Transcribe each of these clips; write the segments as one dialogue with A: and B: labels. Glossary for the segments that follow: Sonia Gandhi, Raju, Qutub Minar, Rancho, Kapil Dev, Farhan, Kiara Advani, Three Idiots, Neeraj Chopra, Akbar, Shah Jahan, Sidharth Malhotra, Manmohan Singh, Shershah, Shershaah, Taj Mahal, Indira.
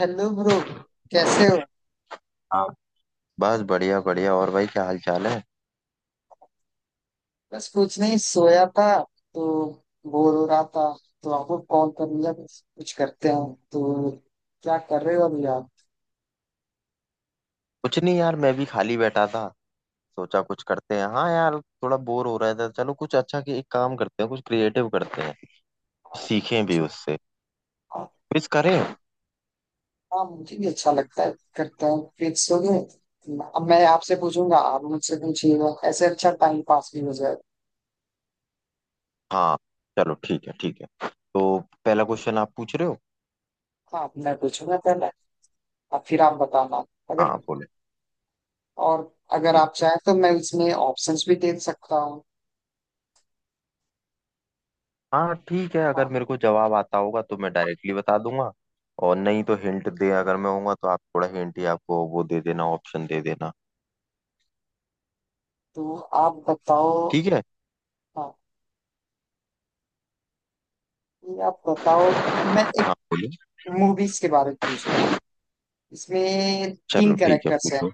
A: Hello bro. कैसे हो?
B: हाँ। बस बढ़िया बढ़िया। और भाई क्या हाल चाल है?
A: बस कुछ नहीं, सोया था तो बोर हो रहा था, तो आपको कॉल कर लिया। बस कुछ करते हैं तो। क्या कर रहे हो अभी आप?
B: कुछ नहीं यार, मैं भी खाली बैठा था, सोचा कुछ करते हैं। हाँ यार, थोड़ा बोर हो रहा था। चलो कुछ अच्छा, कि एक काम करते हैं, कुछ क्रिएटिव करते हैं, सीखें भी उससे।
A: आप-
B: क्विज करें।
A: हाँ, मुझे भी अच्छा लगता है, करते हैं। फिक्स हो गए। अब मैं आपसे पूछूंगा, आप मुझसे पूछिएगा, ऐसे अच्छा टाइम पास भी हो जाएगा।
B: हाँ चलो ठीक है, ठीक है। पहला क्वेश्चन आप पूछ रहे हो।
A: हाँ, मैं पूछूंगा पहले और फिर आप बताना। अगर।
B: हाँ बोले।
A: और अगर
B: ठीक।
A: आप चाहें तो मैं इसमें ऑप्शंस भी दे सकता हूँ।
B: हाँ ठीक है,
A: हाँ,
B: अगर मेरे को जवाब आता होगा तो मैं डायरेक्टली बता दूंगा, और नहीं तो हिंट दे, अगर मैं होऊंगा तो आप थोड़ा हिंट ही आपको वो दे देना, ऑप्शन दे देना।
A: तो आप बताओ।
B: ठीक है।
A: हाँ, ये आप बताओ। मैं एक
B: हाँ बोलिए।
A: मूवीज के बारे में पूछ रहा हूँ, इसमें
B: चलो
A: तीन
B: ठीक है,
A: कैरेक्टर्स हैं।
B: पूछो।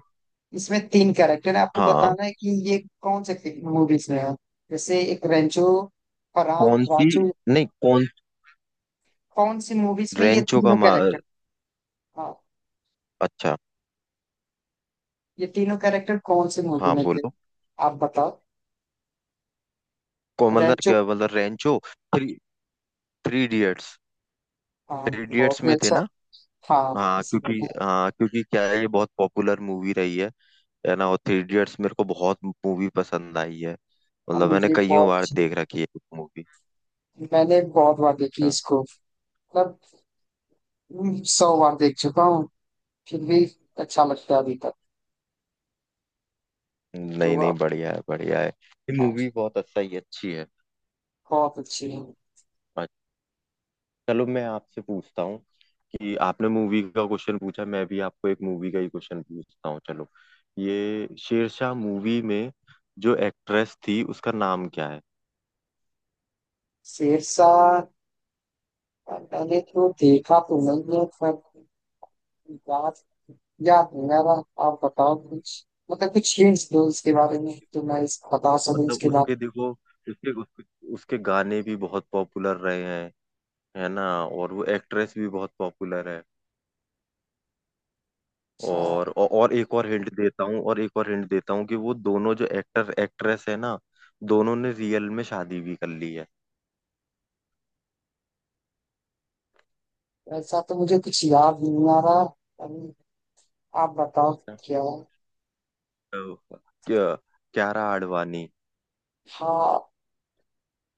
A: इसमें तीन कैरेक्टर हैं, आपको
B: हाँ
A: बताना है कि ये कौन से मूवीज में है। जैसे एक रेंचो, फरहान,
B: कौन सी?
A: राजू,
B: नहीं कौन?
A: कौन सी मूवीज में ये
B: रेंचो का
A: तीनों कैरेक्टर?
B: मार।
A: हाँ,
B: अच्छा।
A: ये तीनों कैरेक्टर कौन सी मूवी
B: हाँ
A: में थे?
B: बोलो।
A: आप बताओ।
B: को मतलब,
A: रेंचो।
B: क्या मतलब रेंचो? Three, three idiots.
A: हाँ,
B: थ्री इडियट्स
A: बहुत ही
B: में थे
A: अच्छा।
B: ना?
A: हाँ,
B: हाँ
A: इसी में
B: क्योंकि,
A: था।
B: हाँ क्योंकि क्या है, ये बहुत पॉपुलर मूवी रही है ना? और थ्री इडियट्स मेरे को बहुत मूवी पसंद आई है।
A: अब
B: मतलब मैंने
A: मुझे
B: कईयों
A: बहुत
B: बार
A: अच्छी,
B: देख रखी है मूवी।
A: मैंने बहुत बार देखी
B: हाँ
A: इसको। मतलब सौ बार देख चुका हूँ, फिर भी अच्छा लगता है अभी तक। तो
B: नहीं नहीं,
A: आप।
B: बढ़िया है बढ़िया है। ये मूवी बहुत अच्छा ही अच्छी है।
A: बहुत अच्छी है।
B: अच्छा, चलो मैं आपसे पूछता हूँ कि आपने मूवी का क्वेश्चन पूछा, मैं भी आपको एक मूवी का ही क्वेश्चन पूछता हूँ, चलो। ये शेरशाह मूवी में जो एक्ट्रेस थी उसका नाम क्या है?
A: शेरशाह। मैंने तो देखा तो नहीं है, पर बात याद नहीं आ रहा। आप बताओ कुछ, मतलब कुछ हिंट्स दो इसके बारे में तो मैं इस बता सकूं
B: मतलब
A: इसके बाद।
B: उसके, देखो, उसके उसके, उसके गाने भी बहुत पॉपुलर रहे हैं, है ना? और वो एक्ट्रेस भी बहुत पॉपुलर है।
A: अच्छा।
B: और और एक और हिंट देता हूँ, और एक और हिंट देता हूँ कि वो दोनों जो एक्टर एक्ट्रेस है ना, दोनों ने रियल में शादी भी कर ली है।
A: ऐसा तो मुझे कुछ याद नहीं आ रहा अभी। आप बताओ क्या है।
B: तो, क्या, क्यारा आडवाणी।
A: हाँ,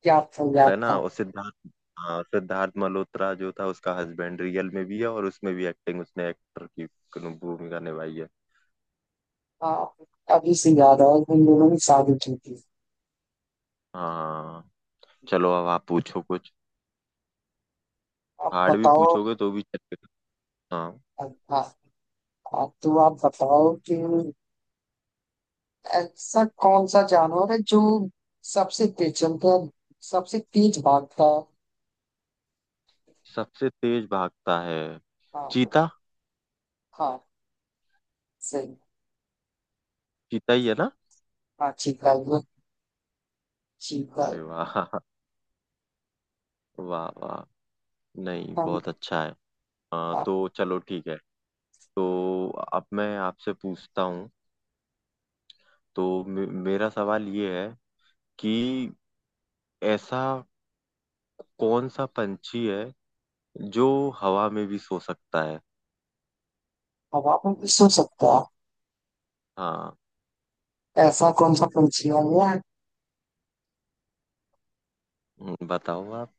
A: याद था याद
B: है ना?
A: था।
B: और सिद्धार्थ, हाँ सिद्धार्थ मल्होत्रा जो था, उसका हस्बैंड रियल में भी है और उसमें भी एक्टिंग उसने एक्टर की भूमिका निभाई है।
A: हाँ, अभी से याद आया कि इन दोनों ने शादी की थी।
B: हाँ चलो, अब आप पूछो कुछ,
A: आप
B: हार्ड भी
A: बताओ।
B: पूछोगे तो भी चलेगा। हाँ।
A: हाँ। हाँ, तो आप बताओ कि ऐसा कौन सा जानवर है जो सबसे तेज चलता है, सबसे तेज भागता है?
B: सबसे तेज भागता है?
A: हाँ।
B: चीता।
A: हाँ, सही।
B: चीता ही है ना?
A: हाँ, चीता ही है। चीता ही।
B: अरे वाह, वाह वाह, नहीं
A: हम।
B: बहुत अच्छा है। हाँ
A: हाँ।
B: तो चलो ठीक है। तो अब मैं आपसे पूछता हूँ, तो मेरा सवाल ये है कि ऐसा कौन सा पंछी है जो हवा में भी सो सकता है?
A: हवा में भी सो सकता
B: हाँ।
A: है, ऐसा कौन सा पंछी है? मैं
B: बताओ आप।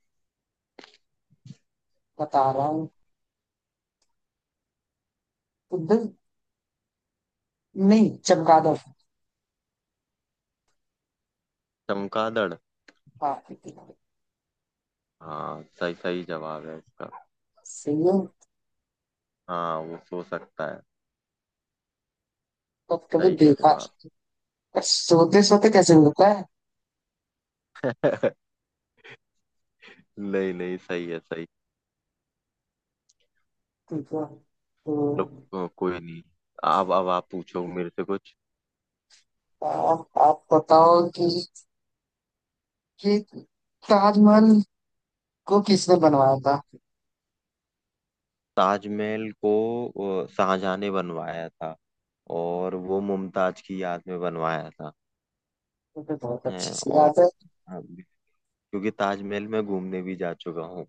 A: बता रहा हूँ। उधर। नहीं, चमगादड़।
B: चमगादड़?
A: हाँ,
B: हाँ सही, सही जवाब है इसका।
A: सही है।
B: हाँ वो सो सकता है।
A: पर कभी
B: सही कह रहे हो
A: देखा
B: आप।
A: सोते सोते कैसे होता है?
B: नहीं नहीं, सही है सही।
A: ठीक है। तो
B: लो कोई नहीं। अब आप पूछो मेरे से कुछ।
A: आप बताओ कि, ताजमहल को किसने बनवाया था?
B: ताजमहल को शाहजहां ने बनवाया था, और वो मुमताज की याद में बनवाया था।
A: ये तो बहुत अच्छी
B: हैं,
A: सी
B: और
A: बात है।
B: हाँ, क्योंकि ताजमहल में घूमने भी जा चुका हूँ।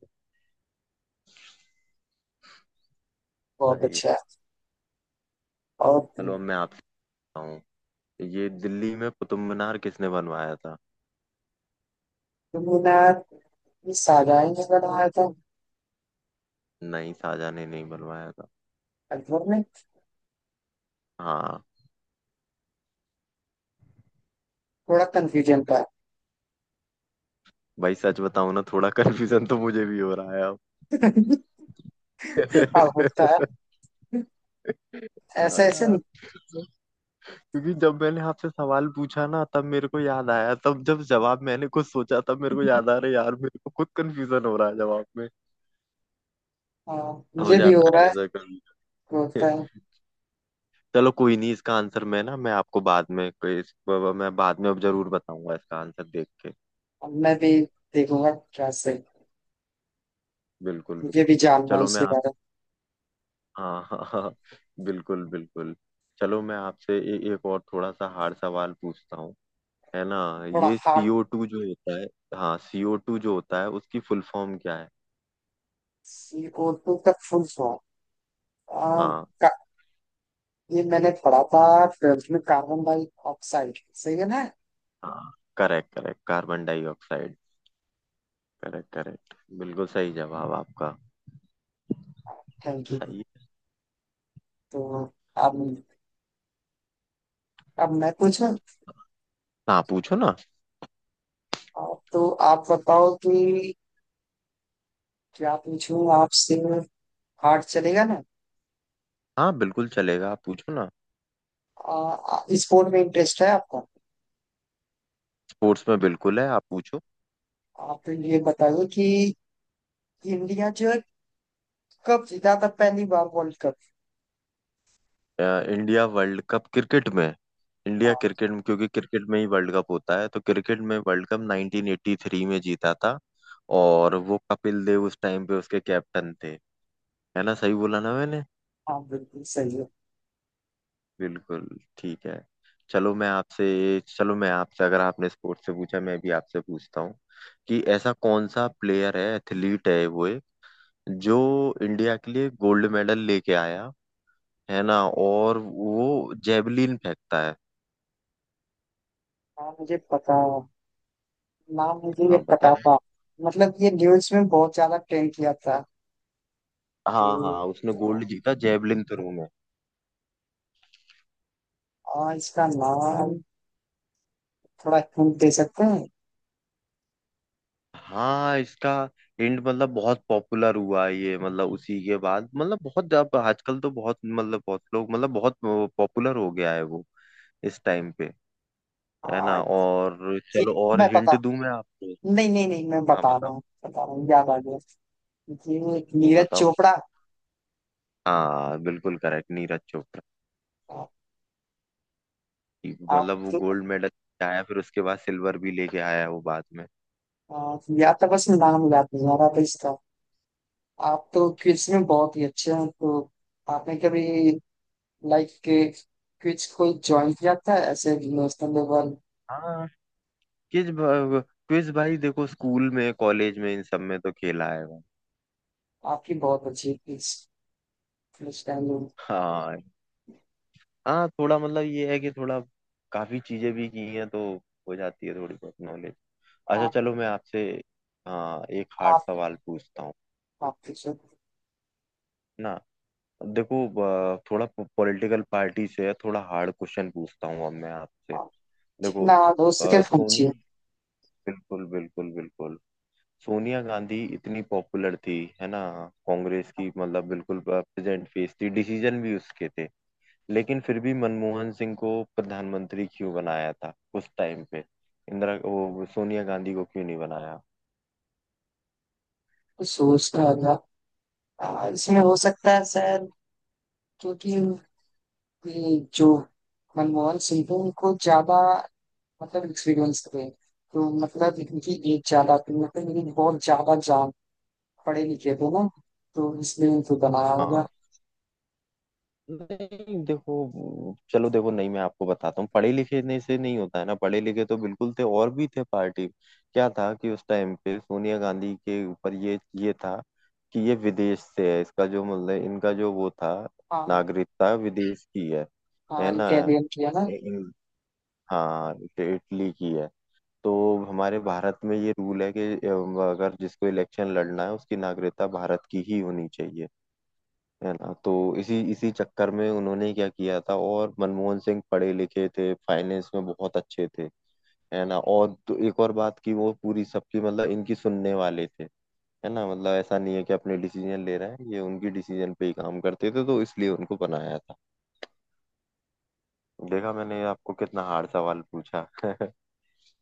A: बहुत
B: सही है।
A: अच्छा है। और
B: चलो
A: कुतुब
B: अब मैं आपसे पूछता हूँ, ये दिल्ली में कुतुब मीनार किसने बनवाया था?
A: मीनार ये शाहजहां ने बनवाया था।
B: नहीं, शाहजहां ने नहीं बनवाया था।
A: अकबर ने।
B: हाँ।
A: थोड़ा कंफ्यूजन का है।
B: भाई सच बताऊं ना, थोड़ा कंफ्यूजन तो मुझे भी हो रहा है अब।
A: अब होता है
B: हाँ
A: ऐसे ऐसे।
B: यार, क्योंकि जब मैंने आपसे सवाल पूछा ना, तब मेरे को याद आया, तब जब जवाब मैंने कुछ सोचा तब मेरे को याद आ रहा है यार, मेरे को खुद कंफ्यूजन हो रहा है जवाब में।
A: हाँ,
B: हो
A: मुझे भी हो
B: जाता
A: रहा
B: है
A: है।
B: ऐसा कभी।
A: तो होता है।
B: चलो कोई नहीं, इसका आंसर मैं ना, मैं आपको बाद में कोई इस, मैं बाद में अब जरूर बताऊंगा इसका आंसर देख के।
A: अब मैं भी देखूंगा क्या से।
B: बिल्कुल
A: मुझे भी
B: बिल्कुल।
A: जानना है
B: चलो मैं
A: इसके
B: आप,
A: बारे में।
B: हाँ हाँ हाँ, बिल्कुल बिल्कुल। चलो मैं आपसे एक और थोड़ा सा हार्ड सवाल पूछता हूँ, है ना?
A: थोड़ा
B: ये
A: हार्ट।
B: सीओ टू जो होता है, हाँ सीओ टू जो होता है उसकी फुल फॉर्म क्या है?
A: सी ओ टू का फुल फॉर्म
B: हाँ।
A: ये मैंने पढ़ा था ट्वेल्थ में। कार्बन डाइऑक्साइड सही है ना?
B: हाँ correct correct, carbon dioxide. Correct correct, बिल्कुल सही जवाब आपका।
A: Thank you.
B: सही है।
A: तो अब, मैं पूछूं?
B: हाँ पूछो ना।
A: आप, तो आप बताओ कि क्या पूछूं आपसे? हार्ट चलेगा ना?
B: हाँ बिल्कुल चलेगा, आप पूछो ना।
A: आ, आ, स्पोर्ट में इंटरेस्ट है आपका?
B: स्पोर्ट्स में बिल्कुल है, आप पूछो।
A: आप ये बताइए कि इंडिया जो है कब जीता था पहली बार वर्ल्ड कप?
B: अ, इंडिया वर्ल्ड कप क्रिकेट में, इंडिया
A: हाँ।
B: क्रिकेट में, क्योंकि क्रिकेट में ही वर्ल्ड कप होता है, तो क्रिकेट में वर्ल्ड कप 1983 में जीता था। और वो कपिल देव उस टाइम पे उसके कैप्टन थे। है ना, सही बोला ना मैंने?
A: हाँ, बिल्कुल सही है।
B: बिल्कुल। ठीक है। चलो मैं आपसे, चलो मैं आपसे, अगर आपने स्पोर्ट्स से पूछा, मैं भी आपसे पूछता हूँ कि ऐसा कौन सा प्लेयर है, एथलीट है वो एक, जो इंडिया के लिए गोल्ड मेडल लेके आया, है ना, और वो जेवलिन फेंकता है।
A: हाँ, मुझे पता, नाम मुझे ये
B: हाँ
A: पता
B: बताओ।
A: था। मतलब ये न्यूज में बहुत ज्यादा ट्रेंड किया था। तो
B: हाँ हाँ, उसने
A: आ,
B: गोल्ड जीता जेवलिन थ्रो में।
A: आ, इसका नाम थोड़ा हिंट दे सकते हैं?
B: हाँ इसका हिंट, मतलब बहुत पॉपुलर हुआ ये, मतलब उसी के बाद, मतलब बहुत, अब आजकल तो बहुत मतलब, बहुत लोग मतलब, बहुत पॉपुलर हो गया है वो इस टाइम पे। है
A: आ,
B: ना? और
A: ये
B: चलो और
A: मैं पता
B: हिंट दूं मैं आपको।
A: नहीं, नहीं नहीं, मैं
B: हाँ
A: बता रहा
B: बताओ।
A: हूँ, बता रहा हूँ, याद आ गया। जी, नीरज
B: बताओ।
A: चोपड़ा।
B: हाँ बिल्कुल करेक्ट, नीरज चोपड़ा।
A: आप
B: मतलब वो
A: तो।
B: गोल्ड मेडल आया, फिर उसके बाद सिल्वर भी लेके आया वो बाद में।
A: या तो बस नाम याद नहीं आ रहा था इसका। आप तो क्विज में बहुत ही अच्छे हैं, तो आपने कभी लाइक के क्विज कोई ज्वाइन किया था ऐसे नेशनल लेवल?
B: हाँ। क्विज, क्विज भाई देखो, स्कूल में, कॉलेज में, इन सब में तो खेला है।
A: आपकी बहुत अच्छी क्विज अंडरस्टैंडिंग।
B: हाँ। हाँ थोड़ा, मतलब ये है कि थोड़ा काफी चीजें भी की हैं तो हो जाती है थोड़ी बहुत नॉलेज। अच्छा
A: आप
B: चलो मैं आपसे, हाँ, एक हार्ड
A: आप
B: सवाल पूछता हूँ,
A: आप पूछो।
B: है ना? देखो थोड़ा पॉलिटिकल पार्टी से है, थोड़ा हार्ड क्वेश्चन पूछता हूँ अब मैं आपसे।
A: आप
B: देखो
A: जितना हो सके
B: सोनिया,
A: पूछिए।
B: बिल्कुल बिल्कुल बिल्कुल, सोनिया गांधी इतनी पॉपुलर थी, है ना? कांग्रेस की मतलब बिल्कुल प्रेजेंट फेस थी, डिसीजन भी उसके थे, लेकिन फिर भी मनमोहन सिंह को प्रधानमंत्री क्यों बनाया था उस टाइम पे? इंदिरा, वो सोनिया गांधी को क्यों नहीं बनाया?
A: कुछ सोचना होगा। इसमें हो सकता है सर, क्योंकि कि जो मनमोहन सिंह थे उनको ज्यादा मतलब एक्सपीरियंस थे, तो मतलब इनकी एज ज्यादा थी, मतलब इनकी बहुत ज्यादा जान, पढ़े लिखे थे ना, तो इसलिए इनको बनाया होगा।
B: हाँ। नहीं देखो, चलो देखो, नहीं मैं आपको बताता हूँ, पढ़े लिखे ने से नहीं होता है ना, पढ़े लिखे तो बिल्कुल थे और भी थे पार्टी। क्या था कि उस टाइम पे सोनिया गांधी के ऊपर ये था कि ये विदेश से है, इसका जो मतलब इनका जो वो था,
A: हाँ।
B: नागरिकता विदेश की है
A: हाँ,
B: ना?
A: इटालियन किया ना।
B: इ- इ- हाँ इटली की है। तो हमारे भारत में ये रूल है कि अगर जिसको इलेक्शन लड़ना है उसकी नागरिकता भारत की ही होनी चाहिए, है ना? तो इसी इसी चक्कर में उन्होंने क्या किया था, और मनमोहन सिंह पढ़े लिखे थे, फाइनेंस में बहुत अच्छे थे, है ना? और तो एक और बात की वो पूरी सबकी मतलब इनकी सुनने वाले थे, है ना, मतलब ऐसा नहीं है कि अपने डिसीजन ले रहे हैं ये, उनकी डिसीजन पे ही काम करते थे, तो इसलिए उनको बनाया था। देखा, मैंने आपको कितना हार्ड सवाल पूछा।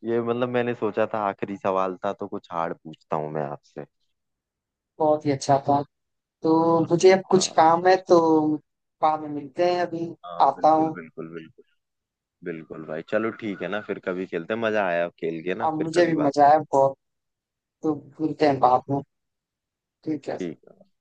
B: ये मतलब मैंने सोचा था आखिरी सवाल था तो कुछ हार्ड पूछता हूँ मैं आपसे।
A: बहुत ही अच्छा था। तो मुझे अब कुछ
B: हाँ।
A: काम है, तो बाद में मिलते हैं अभी।
B: हाँ
A: आता
B: बिल्कुल
A: हूँ।
B: बिल्कुल बिल्कुल। बिल्कुल भाई, चलो ठीक है ना, फिर कभी खेलते हैं, मजा आया खेल के ना,
A: अब
B: फिर
A: मुझे
B: कभी
A: भी
B: बात
A: मजा आया
B: करते
A: बहुत। तो मिलते हैं बाद में। ठीक
B: हैं।
A: है
B: ठीक
A: सर।
B: है।